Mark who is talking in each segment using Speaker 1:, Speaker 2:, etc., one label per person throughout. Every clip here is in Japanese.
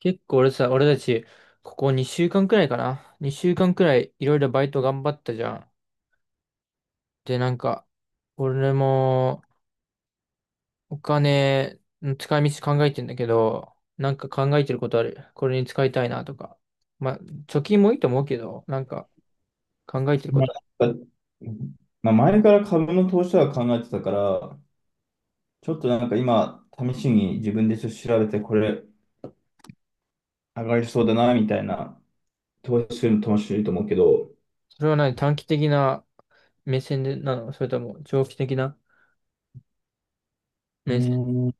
Speaker 1: 結構俺たち、ここ2週間くらいかな。2週間くらいいろいろバイト頑張ったじゃん。で、なんか、俺もお金の使い道考えてんだけど、なんか考えてることある？これに使いたいなとか。まあ、貯金もいいと思うけど、なんか考えてるこ
Speaker 2: ま
Speaker 1: とある？
Speaker 2: あ、なんかまあ、前から株の投資は考えてたから、ちょっと今、試しに自分でちょっと調べて、これ上がりそうだな、みたいな、投資するの楽しいと思うけど、
Speaker 1: それは何、短期的な目線でなの？それとも長期的な
Speaker 2: うー
Speaker 1: 目線？
Speaker 2: ん、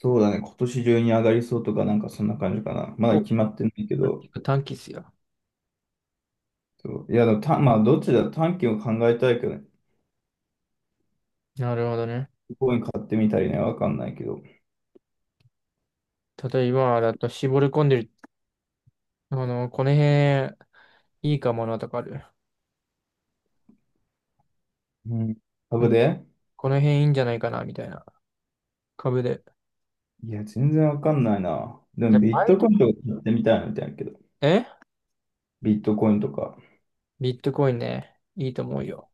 Speaker 2: そうだね、今年中に上がりそうとか、なんかそんな感じかな。まだ
Speaker 1: お、
Speaker 2: 決まってないけど、
Speaker 1: 短期っすよ。
Speaker 2: そういや、でもた、まあ、どっちだ、短期を考えたいけどね、
Speaker 1: なるほどね。
Speaker 2: コイン買ってみたりね、わかんないけど。
Speaker 1: 例えば、だと絞り込んでる、あの、この辺いいかもなとかある？
Speaker 2: うん株で。
Speaker 1: この辺いいんじゃないかな、みたいな。株で。
Speaker 2: いや、全然わかんないな。で
Speaker 1: で、
Speaker 2: も、ビッ
Speaker 1: バイ
Speaker 2: トコ
Speaker 1: ト、
Speaker 2: インとか買ってみたいみたいなけど、
Speaker 1: え
Speaker 2: ビットコインとか。
Speaker 1: ビットコインね。いいと思うよ。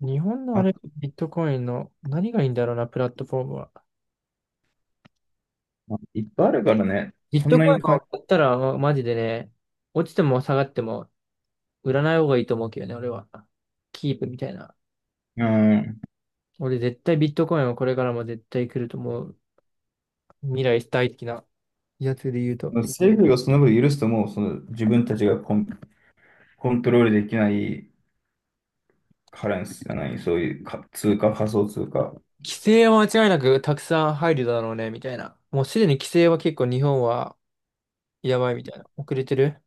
Speaker 1: 日本のあれ、
Speaker 2: あ、
Speaker 1: ビットコインの何がいいんだろうな、プラットフォームは。
Speaker 2: まあいっぱいあるからね、
Speaker 1: ビッ
Speaker 2: そん
Speaker 1: ト
Speaker 2: な
Speaker 1: コイン
Speaker 2: にか、
Speaker 1: を買ったら、マジでね、落ちても下がっても売らない方がいいと思うけどね、俺は。キープみたいな。
Speaker 2: うん、
Speaker 1: 俺絶対ビットコインはこれからも絶対来ると思う。未来大好きなやつで言うと。
Speaker 2: 政府がその分許すともう、その自分たちがコントロールできないカレンスじゃない、そういう通貨、仮想通貨。
Speaker 1: 規制は間違いなくたくさん入るだろうね、みたいな。もうすでに規制は結構日本はやばいみたいな。遅れてる。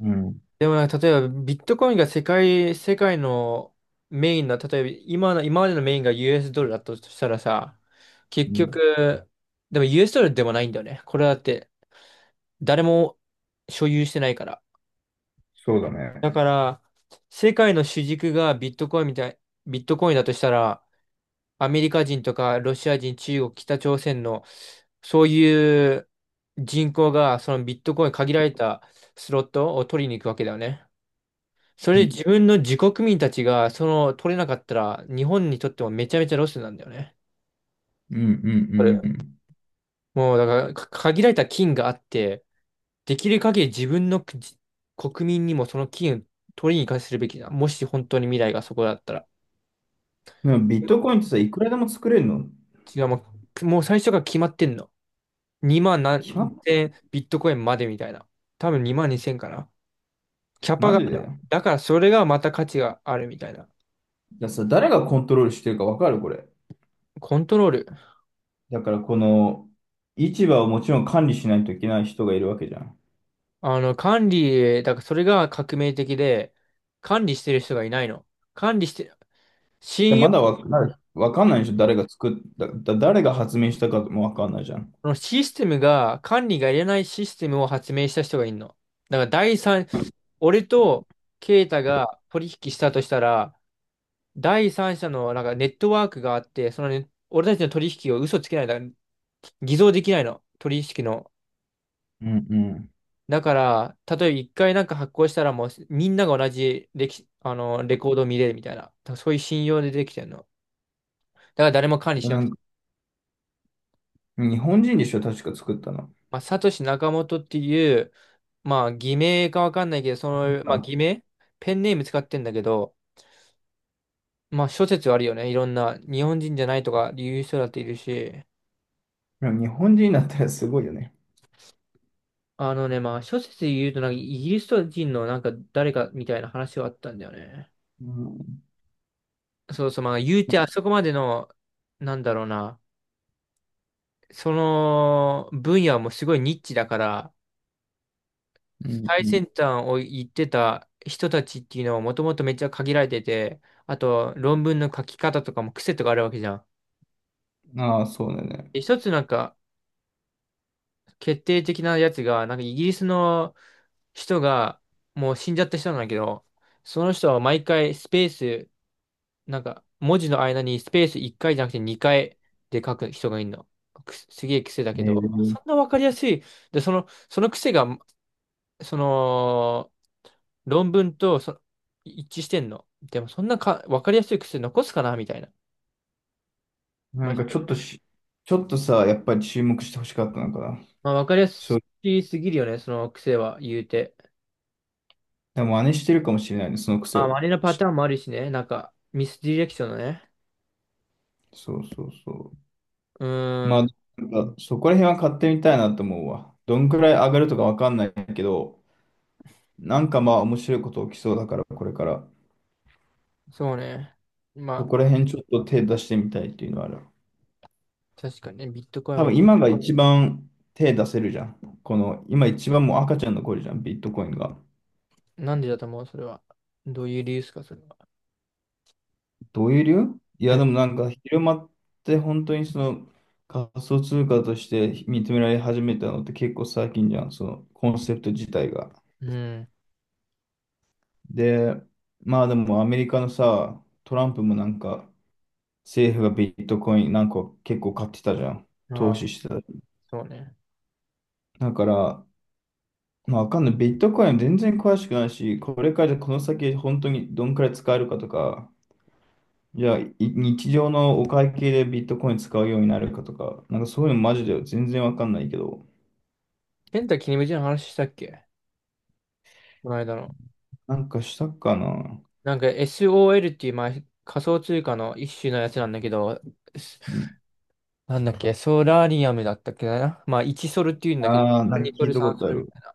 Speaker 2: うん、
Speaker 1: でもなんか例えばビットコインが世界のメインの、例えば今の、今までのメインが US ドルだとしたらさ、結
Speaker 2: うん。
Speaker 1: 局、でも US ドルでもないんだよね。これだって誰も所有してないから。
Speaker 2: そうだ
Speaker 1: だ
Speaker 2: ね。
Speaker 1: から、世界の主軸がビットコインみたい、ビットコインだとしたら、アメリカ人とかロシア人、中国、北朝鮮の、そういう人口がそのビットコイン限られたスロットを取りに行くわけだよね。そ
Speaker 2: う
Speaker 1: れで
Speaker 2: ん
Speaker 1: 自分の自国民たちが、その、取れなかったら、日本にとってもめちゃめちゃロスなんだよね。
Speaker 2: うん。う
Speaker 1: これ
Speaker 2: んうん。
Speaker 1: もう、だから、限られた金があって、できる限り自分の国民にもその金を取りに行かせるべきだ。もし本当に未来がそこだったら。
Speaker 2: でもビッ
Speaker 1: 今
Speaker 2: トコインってさ、いくらでも作れるの？
Speaker 1: 違う、もう最初から決まってんの。2万何
Speaker 2: 決まっ
Speaker 1: 千ビットコインまでみたいな。多分2万2千かな。キャパ
Speaker 2: マ
Speaker 1: が
Speaker 2: ジ
Speaker 1: ある、
Speaker 2: で。
Speaker 1: だからそれがまた価値があるみたいな。
Speaker 2: 誰がコントロールしてるかわかるこれ？
Speaker 1: コントロール。
Speaker 2: だからこの市場をもちろん管理しないといけない人がいるわけじゃん。
Speaker 1: 管理、だからそれが革命的で、管理してる人がいないの。管理して、
Speaker 2: で
Speaker 1: 信
Speaker 2: ま
Speaker 1: 用、
Speaker 2: だわかんない、わかんないでしょ。誰が作った、誰が発明したかもわかんないじゃん。
Speaker 1: そのシステムが、管理がいらないシステムを発明した人がいるの。だから第三、俺とケイタが取引したとしたら、第三者のなんかネットワークがあって、そのね、俺たちの取引を嘘つけないだ、偽造できないの。取引の。
Speaker 2: うんう
Speaker 1: だから、例えば一回なんか発行したらもうみんなが同じレキ、あの、レコードを見れるみたいな。だからそういう信用でできてるの。だから誰も管理し
Speaker 2: ん。
Speaker 1: な
Speaker 2: な
Speaker 1: く
Speaker 2: ん
Speaker 1: て。
Speaker 2: か日本人でしょ、確か作ったの。
Speaker 1: まあ、サトシ・ナカモトっていう、まあ、偽名かわかんないけど、その、まあ、
Speaker 2: あ、
Speaker 1: 偽名ペンネーム使ってんだけど、まあ、諸説あるよね。いろんな、日本人じゃないとか言う人だっているし、
Speaker 2: でも日本人だったらすごいよね。
Speaker 1: あのね、まあ、諸説で言うと、なんかイギリス人のなんか誰かみたいな話はあったんだよね。
Speaker 2: うん
Speaker 1: そうそう、まあ、言うてあそこまでの、なんだろうな。その分野もすごいニッチだから、
Speaker 2: うん。
Speaker 1: 最
Speaker 2: うん。
Speaker 1: 先端を行ってた人たちっていうのはもともとめっちゃ限られてて、あと論文の書き方とかも癖とかあるわけじゃん。
Speaker 2: ああ、そうだね。
Speaker 1: で一つなんか決定的なやつが、なんかイギリスの人が、もう死んじゃった人なんだけど、その人は毎回スペース、なんか文字の間にスペース1回じゃなくて2回で書く人がいるの。すげえ癖だけ
Speaker 2: え
Speaker 1: ど、そ
Speaker 2: ー、
Speaker 1: んなわかりやすい。で、その癖がその、論文と一致してんの。でもそんな分かりやすい癖残すかなみたいな。
Speaker 2: な
Speaker 1: まあ、
Speaker 2: ん
Speaker 1: ひ
Speaker 2: かちょっとし、ちょっとさ、やっぱり注目してほしかったのかな。
Speaker 1: まあ、分かりや
Speaker 2: そ
Speaker 1: す
Speaker 2: う、
Speaker 1: すぎるよね、その癖は言うて。
Speaker 2: でも真似してるかもしれないね、その癖
Speaker 1: まあ、
Speaker 2: を。
Speaker 1: 真似のパタ
Speaker 2: し
Speaker 1: ーンもあるしね、なんかミスディレクションのね。
Speaker 2: そうそうそ
Speaker 1: う
Speaker 2: う。
Speaker 1: ー
Speaker 2: まあ、
Speaker 1: ん、
Speaker 2: なんかそこら辺は買ってみたいなと思うわ。どんくらい上がるとかわかんないけど、なんかまあ面白いこと起きそうだから、これから。
Speaker 1: そうね。
Speaker 2: そ
Speaker 1: ま
Speaker 2: こ
Speaker 1: あ、
Speaker 2: ら辺ちょっと手出してみたいっていうのはある。
Speaker 1: 確かにね、ビットコイン
Speaker 2: 多
Speaker 1: を、
Speaker 2: 分今が一番手出せるじゃん。この、今一番もう赤ちゃんの頃じゃん、ビットコインが。
Speaker 1: なんでだと思う、それは。どういう理由ですか、それは。
Speaker 2: どういう理由、い
Speaker 1: う
Speaker 2: や、
Speaker 1: ん。
Speaker 2: でもなんか広まって本当にその仮想通貨として認められ始めたのって結構最近じゃん、そのコンセプト自体が。
Speaker 1: う
Speaker 2: で、まあでもアメリカのさ、トランプもなんか政府がビットコインなんか結構買ってたじゃん。
Speaker 1: ん。あ
Speaker 2: 投
Speaker 1: あ、
Speaker 2: 資してた。
Speaker 1: そうね。
Speaker 2: だから、まあ、わかんない。ビットコイン全然詳しくないし、これからこの先本当にどんくらい使えるかとか、じゃあ日常のお会計でビットコイン使うようになるかとか、なんかそういうのマジで全然わかんないけど、
Speaker 1: ペンタキリムジの話したっけ、この間の。
Speaker 2: なんかしたかな。
Speaker 1: なんか SOL っていう、まあ、仮想通貨の一種のやつなんだけど、すなんだっけ、ソラリアムだったっけな。まあ、1ソルっていうんだけど、
Speaker 2: ああー、なんか
Speaker 1: 2ソ
Speaker 2: 聞い
Speaker 1: ル、
Speaker 2: た
Speaker 1: 3
Speaker 2: こと
Speaker 1: ソ
Speaker 2: あ
Speaker 1: ルみ
Speaker 2: る。
Speaker 1: たい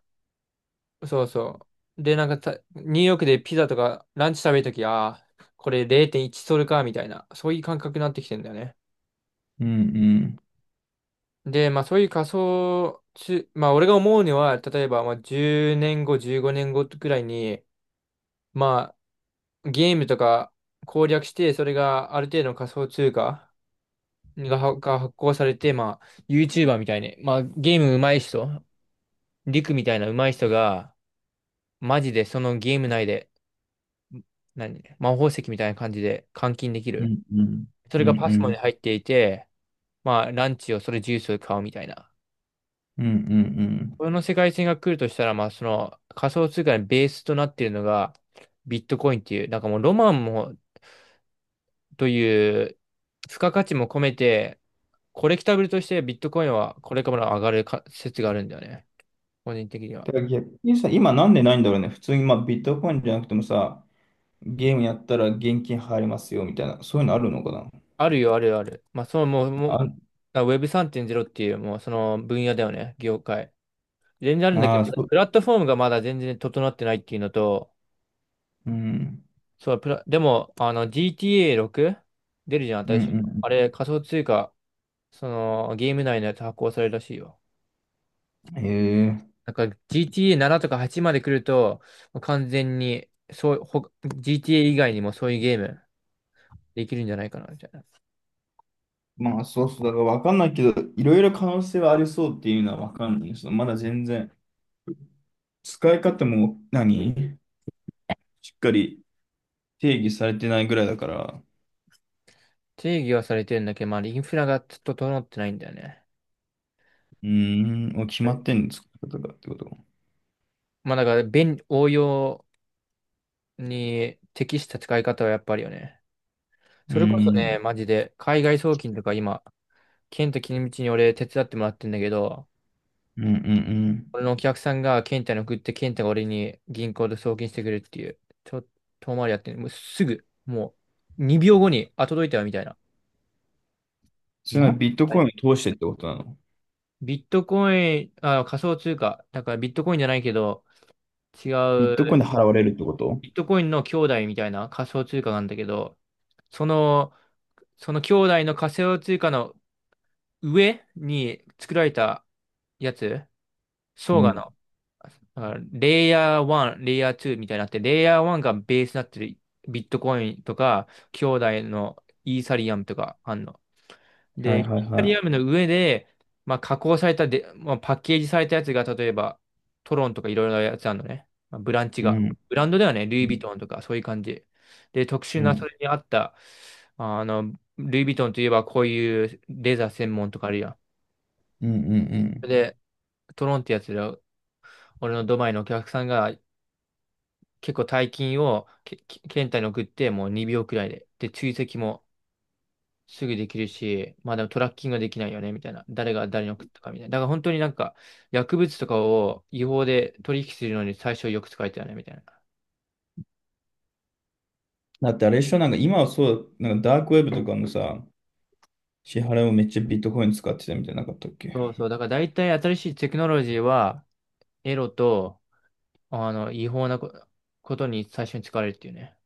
Speaker 1: な。そうそう。で、なんかニューヨークでピザとかランチ食べるとき、ああ、これ0.1ソルか、みたいな、そういう感覚になってきてんだよね。
Speaker 2: うんうん。
Speaker 1: で、まあ、そういう仮想通、まあ、俺が思うには、例えば、まあ、10年後、15年後くらいに、まあ、ゲームとか攻略して、それがある程度の仮想通貨、が発行されて、まあ、YouTuber みたいに、まあ、ゲーム上手い人、リクみたいな上手い人が、マジでそのゲーム内で、何、魔法石みたいな感じで換金でき
Speaker 2: う
Speaker 1: る。
Speaker 2: んうん。
Speaker 1: そ
Speaker 2: う
Speaker 1: れ
Speaker 2: んう
Speaker 1: がパスモ
Speaker 2: ん。
Speaker 1: に入っていて、まあ、ランチをそれジュースを買うみたいな。
Speaker 2: うんうんうん。
Speaker 1: この世界線が来るとしたら、まあ、その仮想通貨のベースとなっているのが、ビットコインっていう、なんかもうロマンも、という、付加価値も込めて、コレクタブルとしてビットコインはこれからも上がるか説があるんだよね。個人的には。
Speaker 2: だから逆にさ、今なんでないんだろうね。普通にまあビットコインじゃなくてもさ、ゲームやったら現金入りますよみたいな、そういうのあるのかな。
Speaker 1: あるよ、あるよ、ある。まあ、そのもう、もう、
Speaker 2: あ、
Speaker 1: あ Web3.0 っていう、もうその分野だよね、業界。全然あるんだけ
Speaker 2: あ
Speaker 1: ど、
Speaker 2: ー、そう。
Speaker 1: プラットフォームがまだ全然整ってないっていうのと、
Speaker 2: うん。
Speaker 1: そう、でも、あの、GTA6 出るじゃん、
Speaker 2: う
Speaker 1: 新しい。
Speaker 2: ん
Speaker 1: あれ、仮想通貨、その、ゲーム内のやつ発行されるらしいよ。
Speaker 2: うん。へえ。
Speaker 1: なんか GTA7 とか8まで来ると、完全に、そう、GTA 以外にもそういうゲームできるんじゃないかな、みたいな。
Speaker 2: まあそうそう、だからわかんないけど、いろいろ可能性はありそうっていうのはわかんないです。そのまだ全然、使い方もしっかり定義されてないぐらいだから、
Speaker 1: 定義はされてるんだけど、まあ、インフラがちょっと整ってないんだよね。
Speaker 2: うーん、もう決まってんの、使い方がってこと？
Speaker 1: まあだから応用に適した使い方はやっぱりよね。
Speaker 2: う
Speaker 1: それこそ
Speaker 2: ーん、
Speaker 1: ね、マジで、海外送金とか今、ケンタ君道に俺手伝ってもらってんだけど、
Speaker 2: うんうんうん。
Speaker 1: 俺のお客さんがケンタに送って、ケンタが俺に銀行で送金してくれるっていう、ちょっと遠回りやってる。もうすぐ、もう2秒後に、あ、届いたよみたいな。
Speaker 2: そういうの
Speaker 1: ま
Speaker 2: はビットコインを通してってことなの？
Speaker 1: ビットコイン、あ、仮想通貨、だからビットコインじゃないけど、違
Speaker 2: ビットコイン
Speaker 1: う
Speaker 2: で払われるってこと？
Speaker 1: ビットコインの兄弟みたいな仮想通貨なんだけど、その、その兄弟の仮想通貨の上に作られたやつ、
Speaker 2: う
Speaker 1: 相が
Speaker 2: ん。
Speaker 1: の、あレイヤー1、レイヤー2みたいになって、レイヤー1がベースになってるビットコインとか、兄弟のイーサリアムとかあんの。
Speaker 2: は
Speaker 1: で、
Speaker 2: い
Speaker 1: イ
Speaker 2: はい
Speaker 1: タ
Speaker 2: は
Speaker 1: リ
Speaker 2: い。
Speaker 1: アムの上で、まあ、加工されたで、まあ、パッケージされたやつが、例えば、トロンとかいろいろなやつあるのね。まあ、ブランチ
Speaker 2: う
Speaker 1: が。
Speaker 2: ん。
Speaker 1: ブランドではね、ルイ・
Speaker 2: う
Speaker 1: ヴィ
Speaker 2: ん。
Speaker 1: トンとか、そういう感じ。で、特殊
Speaker 2: う
Speaker 1: な、そ
Speaker 2: ん
Speaker 1: れに合った、あの、ルイ・ヴィトンといえば、こういうレザー専門とかあるやん。
Speaker 2: うんうん。
Speaker 1: で、トロンってやつで、俺のドバイのお客さんが、結構大金を検体に送って、もう2秒くらいで。で、追跡も、すぐできるし、まあでもトラッキングはできないよね、みたいな。誰が誰に送ったかみたいな。だから本当になんか、薬物とかを違法で取引するのに最初よく使えたよね、みたいな。
Speaker 2: だってあれ一緒なんか今はそう、なんかダークウェブとかもさ、支払いもめっちゃビットコイン使ってたみたいなかったっけ？
Speaker 1: そうそう。だから大体新しいテクノロジーは、エロと、あの、違法なことに最初に使われるっていうね。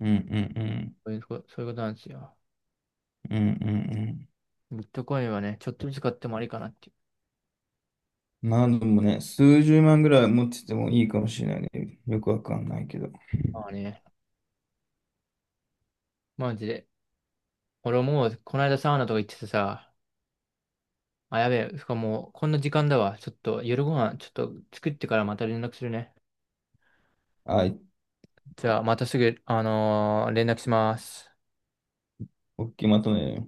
Speaker 2: うんうんうん。
Speaker 1: そういうことなんですよ。
Speaker 2: うんうん
Speaker 1: ビットコインはね、ちょっとずつ買ってもありかなってい
Speaker 2: うん。まあでもね、数十万ぐらい持っててもいいかもしれないね。よくわかんないけど。
Speaker 1: う。まあね、マジで。俺もう、この間サウナとか行っててさ、あ、やべえ、しかも、こんな時間だわ。ちょっと、夜ご飯、ちょっと作ってからまた連絡するね。
Speaker 2: はい、
Speaker 1: じゃあ、またすぐ、連絡します。
Speaker 2: おっきいまとめ。